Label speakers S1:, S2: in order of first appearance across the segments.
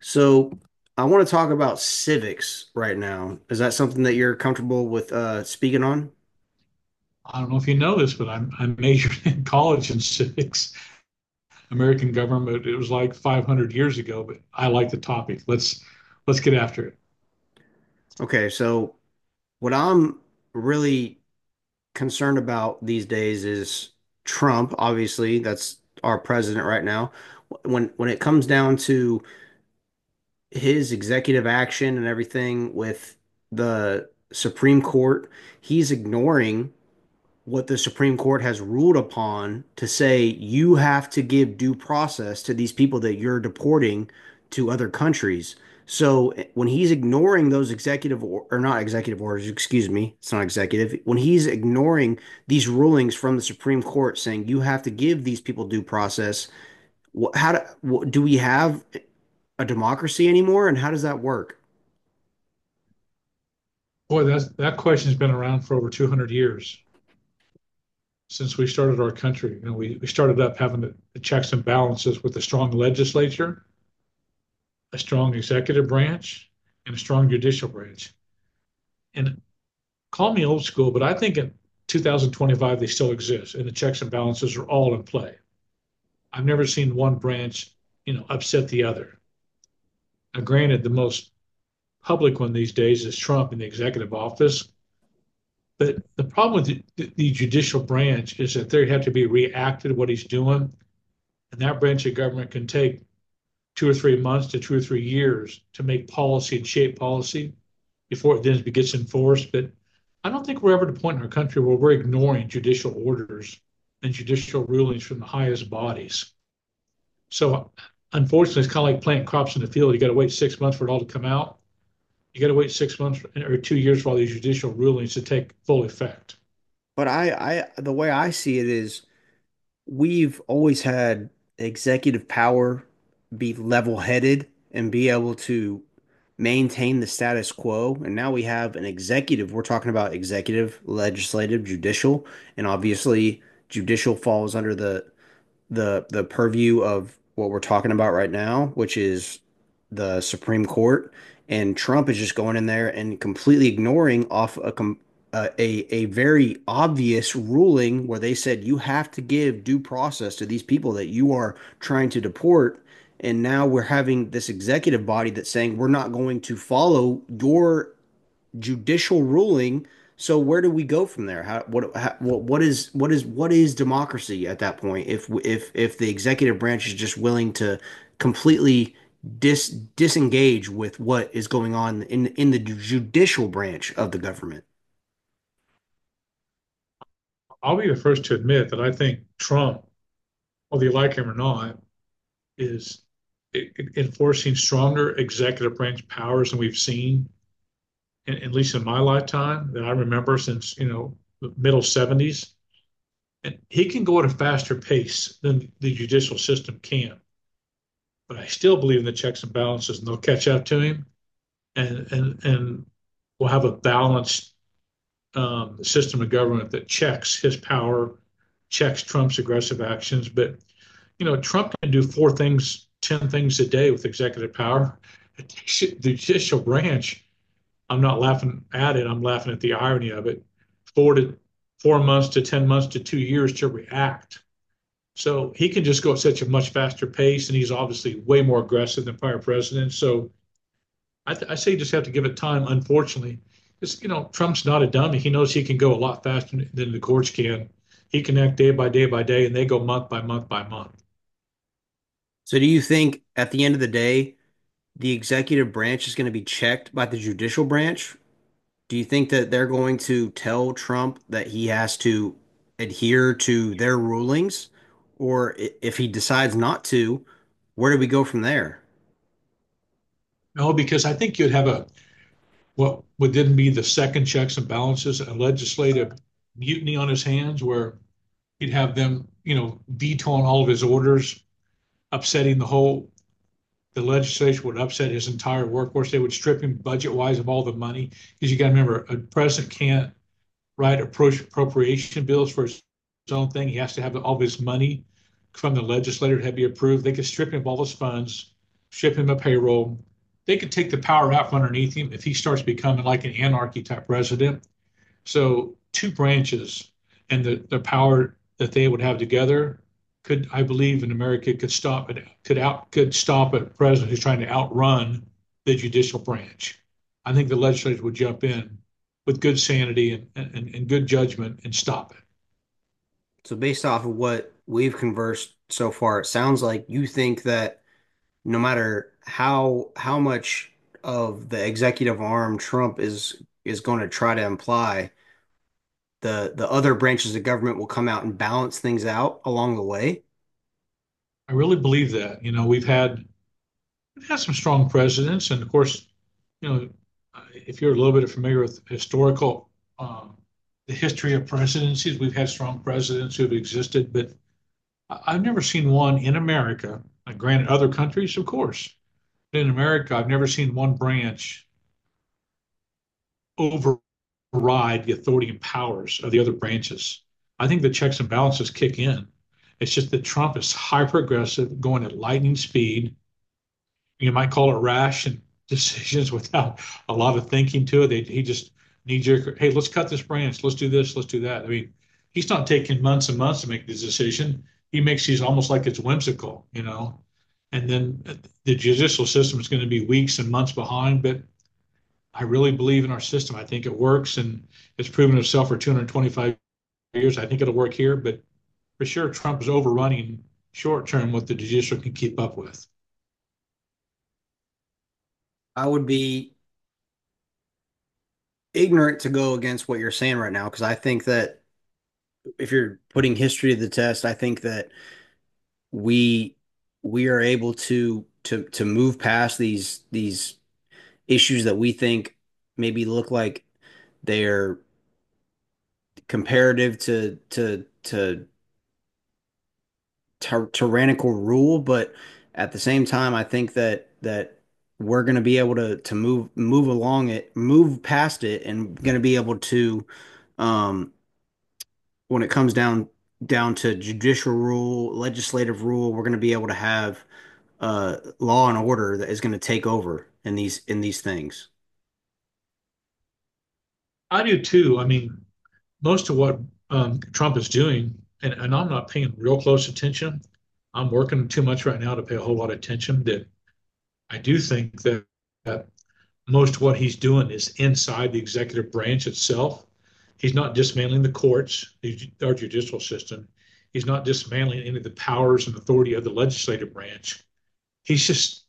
S1: So I want to talk about civics right now. Is that something that you're comfortable with speaking on?
S2: I don't know if you know this, but I majored in college in civics, American government. It was like 500 years ago, but I like the topic. Let's get after it.
S1: Okay, so what I'm really concerned about these days is Trump, obviously, that's our president right now. When it comes down to his executive action and everything with the Supreme Court, he's ignoring what the Supreme Court has ruled upon to say you have to give due process to these people that you're deporting to other countries. So when he's ignoring those executive or not executive orders, excuse me, it's not executive, when he's ignoring these rulings from the Supreme Court saying you have to give these people due process, how do, do we have a democracy anymore and how does that work?
S2: Boy, that question's been around for over 200 years since we started our country. You know, we started up having the checks and balances with a strong legislature, a strong executive branch, and a strong judicial branch. And call me old school, but I think in 2025 they still exist, and the checks and balances are all in play. I've never seen one branch, you know, upset the other. Now, granted, the most public one these days is Trump in the executive office. But the problem with the judicial branch is that they have to be reacted to what he's doing. And that branch of government can take 2 or 3 months to 2 or 3 years to make policy and shape policy before it then gets enforced. But I don't think we're ever at a point in our country where we're ignoring judicial orders and judicial rulings from the highest bodies. So unfortunately, it's kind of like planting crops in the field. You got to wait 6 months for it all to come out. You got to wait 6 months or 2 years for all these judicial rulings to take full effect.
S1: But the way I see it is we've always had executive power be level-headed and be able to maintain the status quo. And now we have an executive. We're talking about executive, legislative, judicial, and obviously judicial falls under the purview of what we're talking about right now, which is the Supreme Court, and Trump is just going in there and completely ignoring off a a very obvious ruling where they said you have to give due process to these people that you are trying to deport, and now we're having this executive body that's saying we're not going to follow your judicial ruling. So where do we go from there? How, what is, what is, what is democracy at that point? If the executive branch is just willing to completely disengage with what is going on in the judicial branch of the government.
S2: I'll be the first to admit that I think Trump, whether you like him or not, is e- enforcing stronger executive branch powers than we've seen, at least in my lifetime, that I remember since you know the middle '70s. And he can go at a faster pace than the judicial system can. But I still believe in the checks and balances, and they'll catch up to him, and we'll have a balanced system of government that checks his power, checks Trump's aggressive actions. But you know, Trump can do four things, 10 things a day with executive power. The judicial branch. I'm not laughing at it. I'm laughing at the irony of it. Four to four months to 10 months to 2 years to react. So he can just go at such a much faster pace, and he's obviously way more aggressive than prior presidents. So I say you just have to give it time. Unfortunately, it's you know Trump's not a dummy. He knows he can go a lot faster than the courts can. He can act day by day by day, and they go month by month by month.
S1: So do you think at the end of the day, the executive branch is going to be checked by the judicial branch? Do you think that they're going to tell Trump that he has to adhere to their rulings? Or if he decides not to, where do we go from there?
S2: No, because I think you'd have a what would then be the second checks and balances, a legislative mutiny on his hands, where he'd have them you know vetoing all of his orders, upsetting the whole. The legislature would upset his entire workforce. They would strip him budget wise of all the money because you got to remember a president can't right, approach appropriation bills for his own thing. He has to have all of his money from the legislature to be approved. They could strip him of all his funds, strip him of payroll. They could take the power out from underneath him if he starts becoming like an anarchy type president. So two branches and the power that they would have together could, I believe, in America could stop it could out could stop a president who's trying to outrun the judicial branch. I think the legislature would jump in with good sanity and good judgment and stop it.
S1: So, based off of what we've conversed so far, it sounds like you think that no matter how much of the executive arm Trump is going to try to imply, the other branches of government will come out and balance things out along the way.
S2: I really believe that. You know, we've had some strong presidents, and of course, you know, if you're a little bit familiar with historical um, the history of presidencies, we've had strong presidents who have existed, but I have never seen one in America. Like, granted, other countries, of course, but in America, I've never seen one branch override the authority and powers of the other branches. I think the checks and balances kick in. It's just that Trump is hyper aggressive, going at lightning speed, you might call it rash and decisions without a lot of thinking to it. He just knee jerk, hey, let's cut this branch, let's do this, let's do that. I mean, he's not taking months and months to make this decision. He makes these almost like it's whimsical, you know. And then the judicial system is going to be weeks and months behind, but I really believe in our system. I think it works and it's proven itself for 225 years. I think it'll work here, but for sure, Trump is overrunning short term what the judicial can keep up with.
S1: I would be ignorant to go against what you're saying right now because I think that if you're putting history to the test, I think that we we are able to move past these issues that we think maybe look like they're comparative to tyrannical rule, but at the same time, I think that we're going to be able to move along it, move past it, and going to be able to um when it comes down to judicial rule, legislative rule, we're going to be able to have law and order that is going to take over in these things.
S2: I do too. I mean, most of what Trump is doing, and I'm not paying real close attention. I'm working too much right now to pay a whole lot of attention. That I do think that, that most of what he's doing is inside the executive branch itself. He's not dismantling the courts, our judicial system. He's not dismantling any of the powers and authority of the legislative branch. He's just,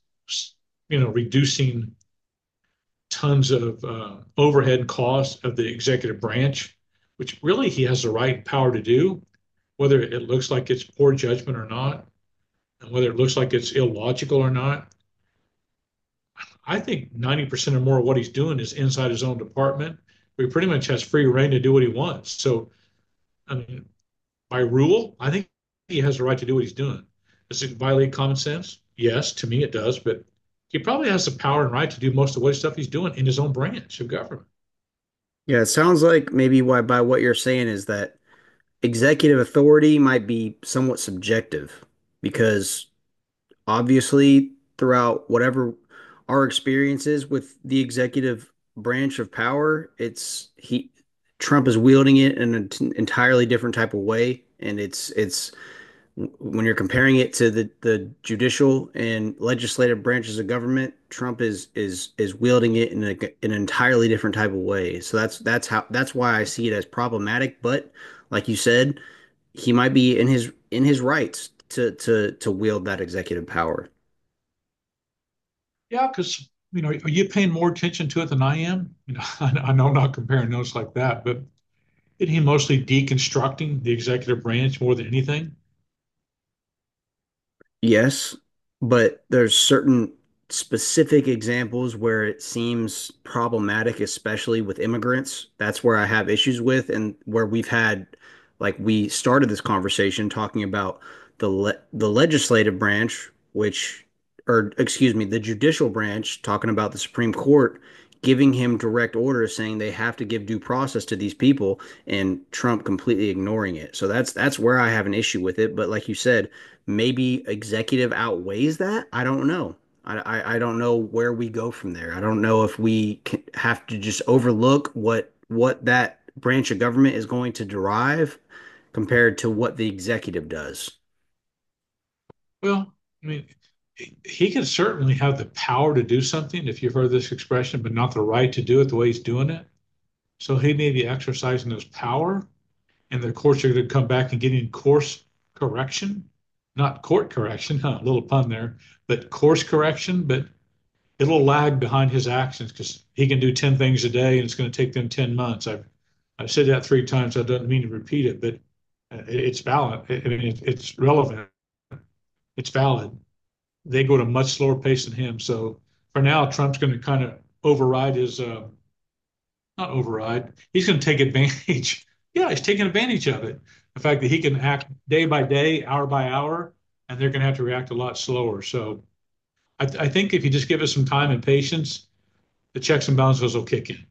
S2: you know, reducing tons of overhead costs of the executive branch, which really he has the right and power to do, whether it looks like it's poor judgment or not, and whether it looks like it's illogical or not. I think 90% or more of what he's doing is inside his own department. He pretty much has free reign to do what he wants. So, I mean, by rule, I think he has the right to do what he's doing. Does it violate common sense? Yes, to me it does, but he probably has the power and right to do most of what stuff he's doing in his own branch of government.
S1: Yeah, it sounds like maybe why by what you're saying is that executive authority might be somewhat subjective because obviously throughout whatever our experience is with the executive branch of power, it's he Trump is wielding it in an entirely different type of way, and it's when you're comparing it to the judicial and legislative branches of government, Trump is wielding it in a, in an entirely different type of way. So that's why I see it as problematic. But like you said, he might be in his rights to wield that executive power.
S2: Yeah, because you know, are you paying more attention to it than I am? You know, I know I'm not comparing notes like that, but isn't he mostly deconstructing the executive branch more than anything?
S1: Yes, but there's certain specific examples where it seems problematic, especially with immigrants. That's where I have issues with, and where we've had, like, we started this conversation talking about the legislative branch, which, or excuse me, the judicial branch, talking about the Supreme Court giving him direct orders saying they have to give due process to these people, and Trump completely ignoring it. So that's where I have an issue with it. But like you said, maybe executive outweighs that. I don't know. I don't know where we go from there. I don't know if we can, have to just overlook what that branch of government is going to derive compared to what the executive does.
S2: Well, I mean, he could certainly have the power to do something, if you've heard this expression, but not the right to do it the way he's doing it. So he may be exercising his power. And the courts are gonna come back and get in course correction, not court correction, huh, a little pun there, but course correction, but it'll lag behind his actions because he can do 10 things a day and it's gonna take them 10 months. I've said that three times. I don't mean to repeat it, but it's valid. I mean, it's relevant. It's valid. They go at a much slower pace than him. So for now, Trump's gonna kind of override his, not override. He's going to take advantage. Yeah, he's taking advantage of it. The fact that he can act day by day, hour by hour, and they're going to have to react a lot slower. So I think if you just give us some time and patience, the checks and balances will kick in.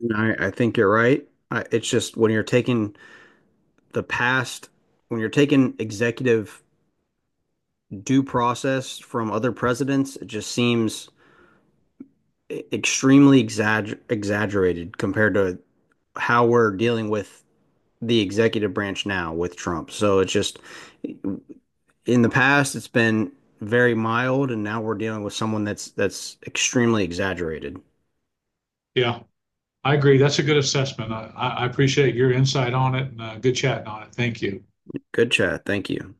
S1: And I think you're right. I, it's just when you're taking the past, when you're taking executive due process from other presidents, it just seems extremely exaggerated compared to how we're dealing with the executive branch now with Trump. So it's just in the past it's been very mild and now we're dealing with someone that's extremely exaggerated.
S2: Yeah, I agree. That's a good assessment. I appreciate your insight on it and good chatting on it. Thank you.
S1: Good chat. Thank you.